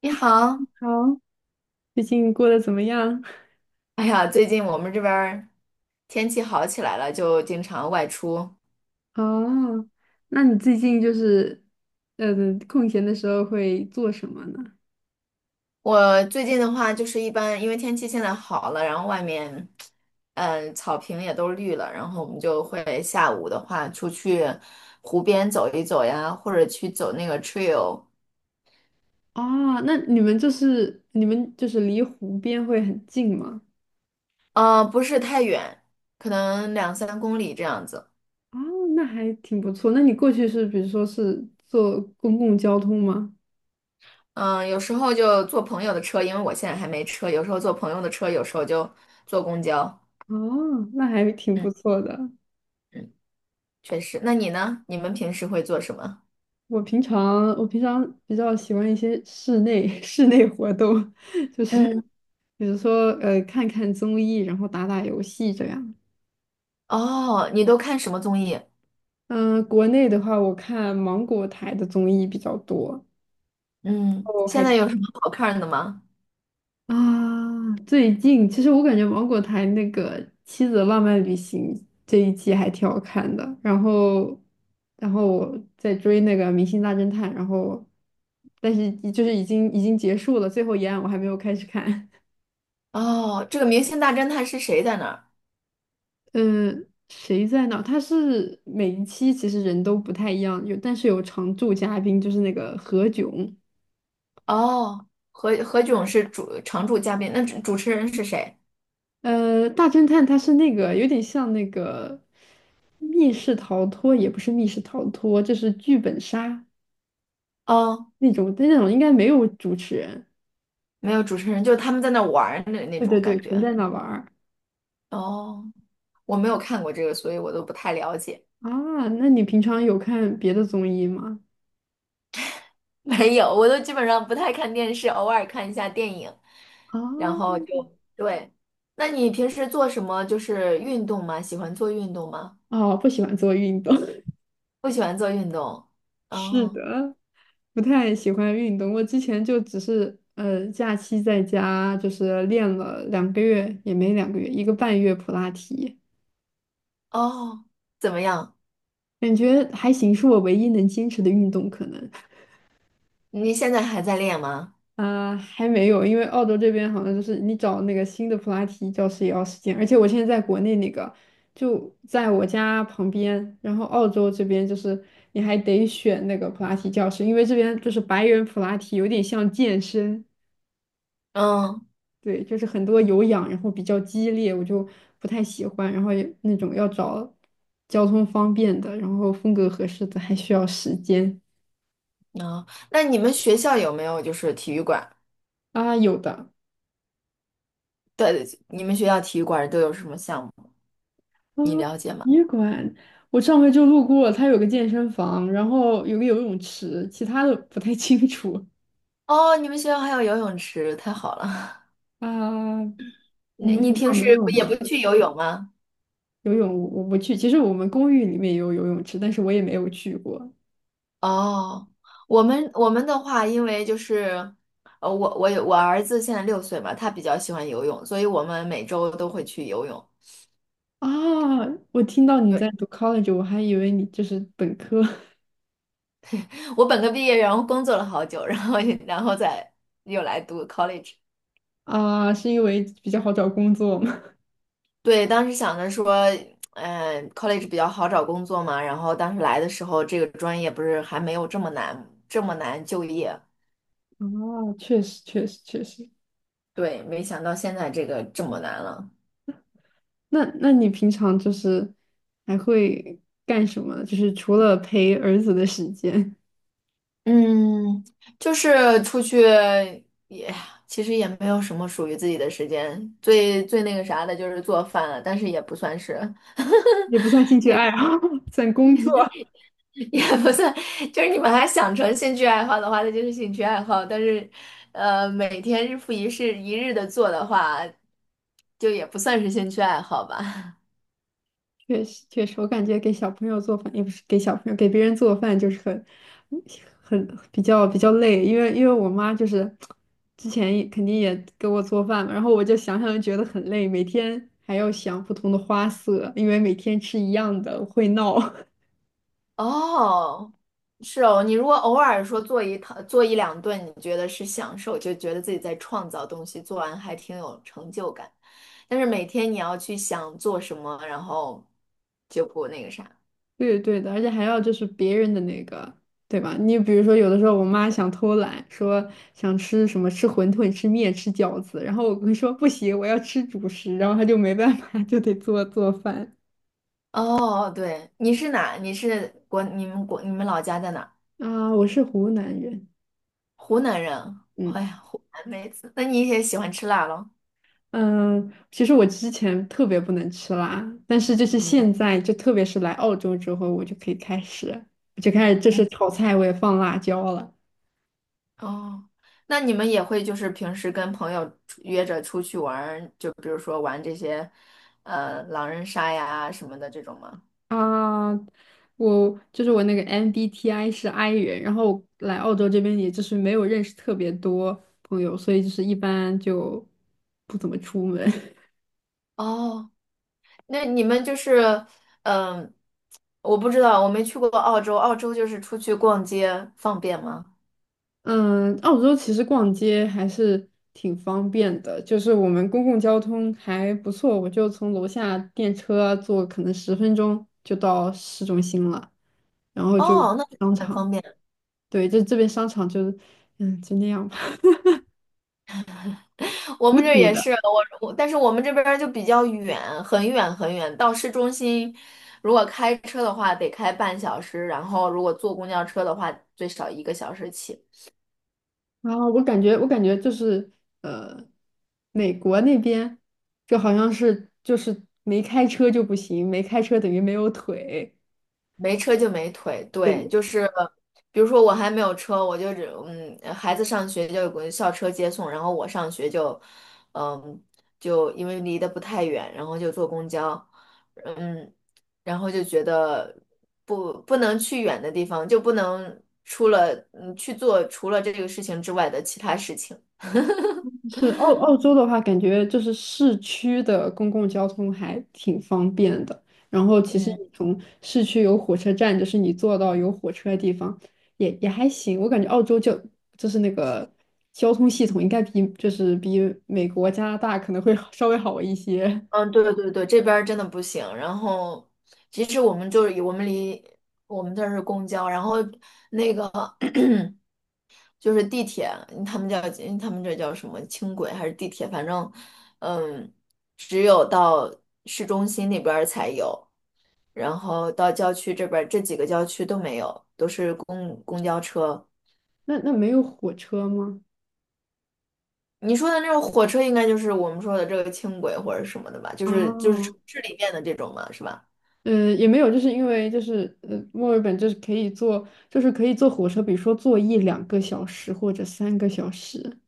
你好，好，最近过得怎么样？哎呀，最近我们这边儿天气好起来了，就经常外出。哦，那你最近就是，呃，空闲的时候会做什么呢？我最近的话，就是一般因为天气现在好了，然后外面，草坪也都绿了，然后我们就会下午的话出去湖边走一走呀，或者去走那个 trail，哦，那你们就是离湖边会很近吗？不是太远，可能两三公里这样子。哦，那还挺不错。那你过去是比如说是坐公共交通吗？嗯，有时候就坐朋友的车，因为我现在还没车，有时候坐朋友的车，有时候就坐公交。哦，那还挺不嗯错的。嗯。确实。那你呢？你们平时会做什么？我平常比较喜欢一些室内 室内活动，嗯，比如说看看综艺，然后打打游戏这样。哦，你都看什么综艺？嗯，国内的话，我看芒果台的综艺比较多。嗯，哦，现还在有什么好看的吗？啊，最近其实我感觉芒果台那个《妻子的浪漫旅行》这一季还挺好看的。然后，然后我在追那个《明星大侦探》，然后但是就是已经结束了，最后一案我还没有开始看。哦，这个《明星大侦探》是谁在那儿？嗯，谁在哪儿他是每一期其实人都不太一样，但是有常驻嘉宾，就是那个何炅。哦，何炅是主常驻嘉宾，那主持人是谁？大侦探他是那个有点像那个密室逃脱，也不是密室逃脱，就是剧本杀哦，那种，但那种应该没有主持人。没有主持人，就是他们在那玩儿的那对对种对，感纯觉。在那玩儿。哦，我没有看过这个，所以我都不太了解。啊，那你平常有看别的综艺吗？没有，我都基本上不太看电视，偶尔看一下电影，然后就啊，对。那你平时做什么？就是运动吗？喜欢做运动吗？哦，不喜欢做运动。不喜欢做运动。是哦的，不太喜欢运动。我之前就只是假期在家就是练了两个月，也没两个月，1个半月普拉提，哦，怎么样？感觉还行，是我唯一能坚持的运动可能。你现在还在练吗？啊，还没有，因为澳洲这边好像就是你找那个新的普拉提教室也要时间，而且我现在在国内那个就在我家旁边，然后澳洲这边就是你还得选那个普拉提教室，因为这边就是白人普拉提有点像健身，嗯对，就是很多有氧，然后比较激烈，我就不太喜欢，然后也那种要找交通方便的，然后风格合适的，还需要时间。哦，那你们学校有没有就是体育馆？啊，有的。对，对你们学校体育馆都有什么项目？啊，你了解吗？体育馆，我上回就路过，它有个健身房，然后有个游泳池，其他的不太 清楚。哦，你们学校还有游泳池，太好了。啊，你你们你学平校时没有不也吗？不去游泳吗？游泳我不去，其实我们公寓里面也有游泳池，但是我也没有去过。哦，我们的话，因为就是，我有我儿子现在6岁嘛，他比较喜欢游泳，所以我们每周都会去游泳。啊，我听到你在对，读 college，我还以为你就是本科。 我本科毕业，然后工作了好久，然后再又来读 college。啊，是因为比较好找工作吗？对，当时想着说，college 比较好找工作嘛，然后当时来的时候，这个专业不是还没有这么难，这么难就业。啊，确实。对，没想到现在这个这么难了。那那你平常就是还会干什么？就是除了陪儿子的时间。嗯，就是出去也其实也没有什么属于自己的时间，最那个啥的就是做饭了，但是也不算是，也不算兴趣爱好，算工作。也不算，就是你把它想成兴趣爱好的话，那就是兴趣爱好，但是每天日复一日的做的话，就也不算是兴趣爱好吧。确实，确实，我感觉给小朋友做饭，也不是给小朋友，给别人做饭就是很、嗯很比较累，因为我妈就是之前也肯定也给我做饭嘛，然后我就想就觉得很累，每天还要想不同的花色，因为每天吃一样的会闹。哦，是哦，你如果偶尔说做一两顿，你觉得是享受，就觉得自己在创造东西，做完还挺有成就感。但是每天你要去想做什么，然后就不那个啥。对对的，而且还要就是别人的那个，对吧？你比如说，有的时候我妈想偷懒，说想吃什么，吃馄饨、吃面、吃饺子，然后我会说 不行，我要吃主食，然后她就没办法，就得做饭。哦，对，你是哪？你是国？你们国？你们老家在哪儿啊，我是湖南人。湖南人。哎嗯。呀，湖南妹子，那你也喜欢吃辣咯？嗯，其实我之前特别不能吃辣，但是就是嗯现在，就特别是来澳洲之后，我就可以开始，我就开始就嗯。是炒菜我也放辣椒了。哦，那你们也会就是平时跟朋友出约着出去玩儿，就比如说玩这些，狼人杀呀什么的这种吗？啊，我就是我那个 MBTI 是 I 人，然后来澳洲这边也就是没有认识特别多朋友，所以就是一般就不怎么出门。哦，那你们就是，嗯、我不知道，我没去过澳洲，澳洲就是出去逛街方便吗？嗯，澳洲其实逛街还是挺方便的，就是我们公共交通还不错，我就从楼下电车坐可能10分钟就到市中心了，然后就哦，那 商 很场，方便。对，这边商场就就那样吧，我土们这儿土也的。是，但是我们这边儿就比较远，很远很远，到市中心，如果开车的话得开半小时，然后如果坐公交车的话最少1个小时起。然后我感觉就是呃，美国那边就好像是就是没开车就不行，没开车等于没有腿。没车就没腿，对，对，就是比如说我还没有车，我就只孩子上学就有个校车接送，然后我上学就，嗯，就因为离得不太远，然后就坐公交，嗯，然后就觉得不能去远的地方，就不能除了去做除了这个事情之外的其他事情。是澳澳洲的话，感觉就是市区的公共交通还挺方便的。然后其实嗯，你从市区有火车站，就是你坐到有火车的地方，也也还行。我感觉澳洲就就是那个交通系统应该比就是比美国、加拿大可能会好稍微好一些。嗯，对对对，这边儿真的不行。然后，其实我们就是我们离我们这儿是公交，然后那个。就是地铁，他们叫他们这叫什么轻轨还是地铁，反正，嗯，只有到市中心那边儿才有，然后到郊区这边儿这几个郊区都没有，都是公交车。那那没有火车吗？你说的那种火车，应该就是我们说的这个轻轨或者什么的吧？就是哦，城市里面的这种嘛，是吧？也没有，就是因为墨尔本就是可以坐，就是可以坐火车，比如说坐1两个小时或者3个小时。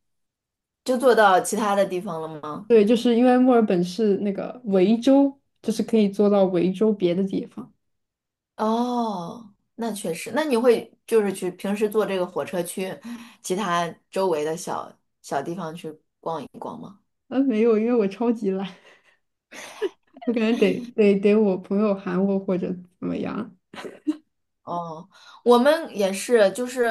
就坐到其他的地方了吗？对，就是因为墨尔本是那个维州，就是可以坐到维州别的地方。哦，那确实，那你会就是去平时坐这个火车去其他周围的小地方去逛一逛吗？啊，没有，因为我超级懒，我感觉得我朋友喊我或者怎么样。哦，我们也是，就是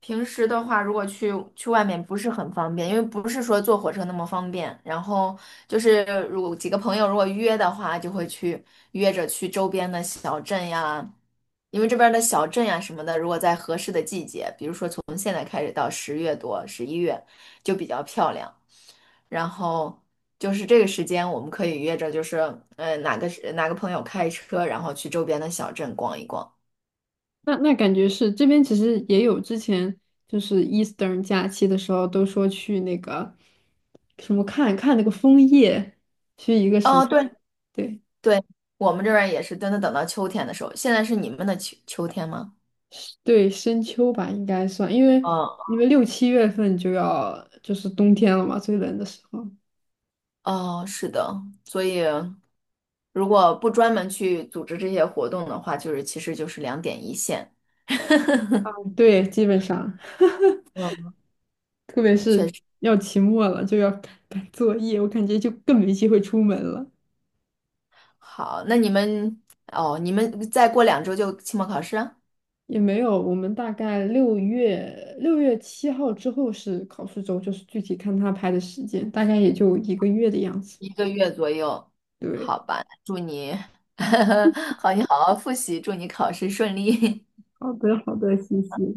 平时的话，如果去外面不是很方便，因为不是说坐火车那么方便。然后就是如果几个朋友如果约的话，就会去约着去周边的小镇呀，因为这边的小镇呀什么的，如果在合适的季节，比如说从现在开始到10月多、11月，就比较漂亮。然后就是这个时间，我们可以约着，就是呃哪个哪个朋友开车，然后去周边的小镇逛一逛。那那感觉是这边其实也有之前就是 Eastern 假期的时候都说去那个什么看看那个枫叶。哦，对，对，对，我们这边儿也是真的等到秋天的时候，现在是你们的秋天吗？对，深秋吧，应该算，因为嗯，6、7月份就要就是冬天了嘛，最冷的时候。哦，是的，所以如果不专门去组织这些活动的话，就是其实就是两点一线。对，基本上，嗯，特别是要期末了，就要赶作业，我感觉就更没机会出门了。好，那你们哦，你们再过2周就期末考试啊也没有，我们大概6月7号之后是考试周，就是具体看他排的时间，大概也就1个月的样子。1个月左右，对，好吧？祝你，好，你好好复习，祝你考试顺利。好的，好的，谢谢。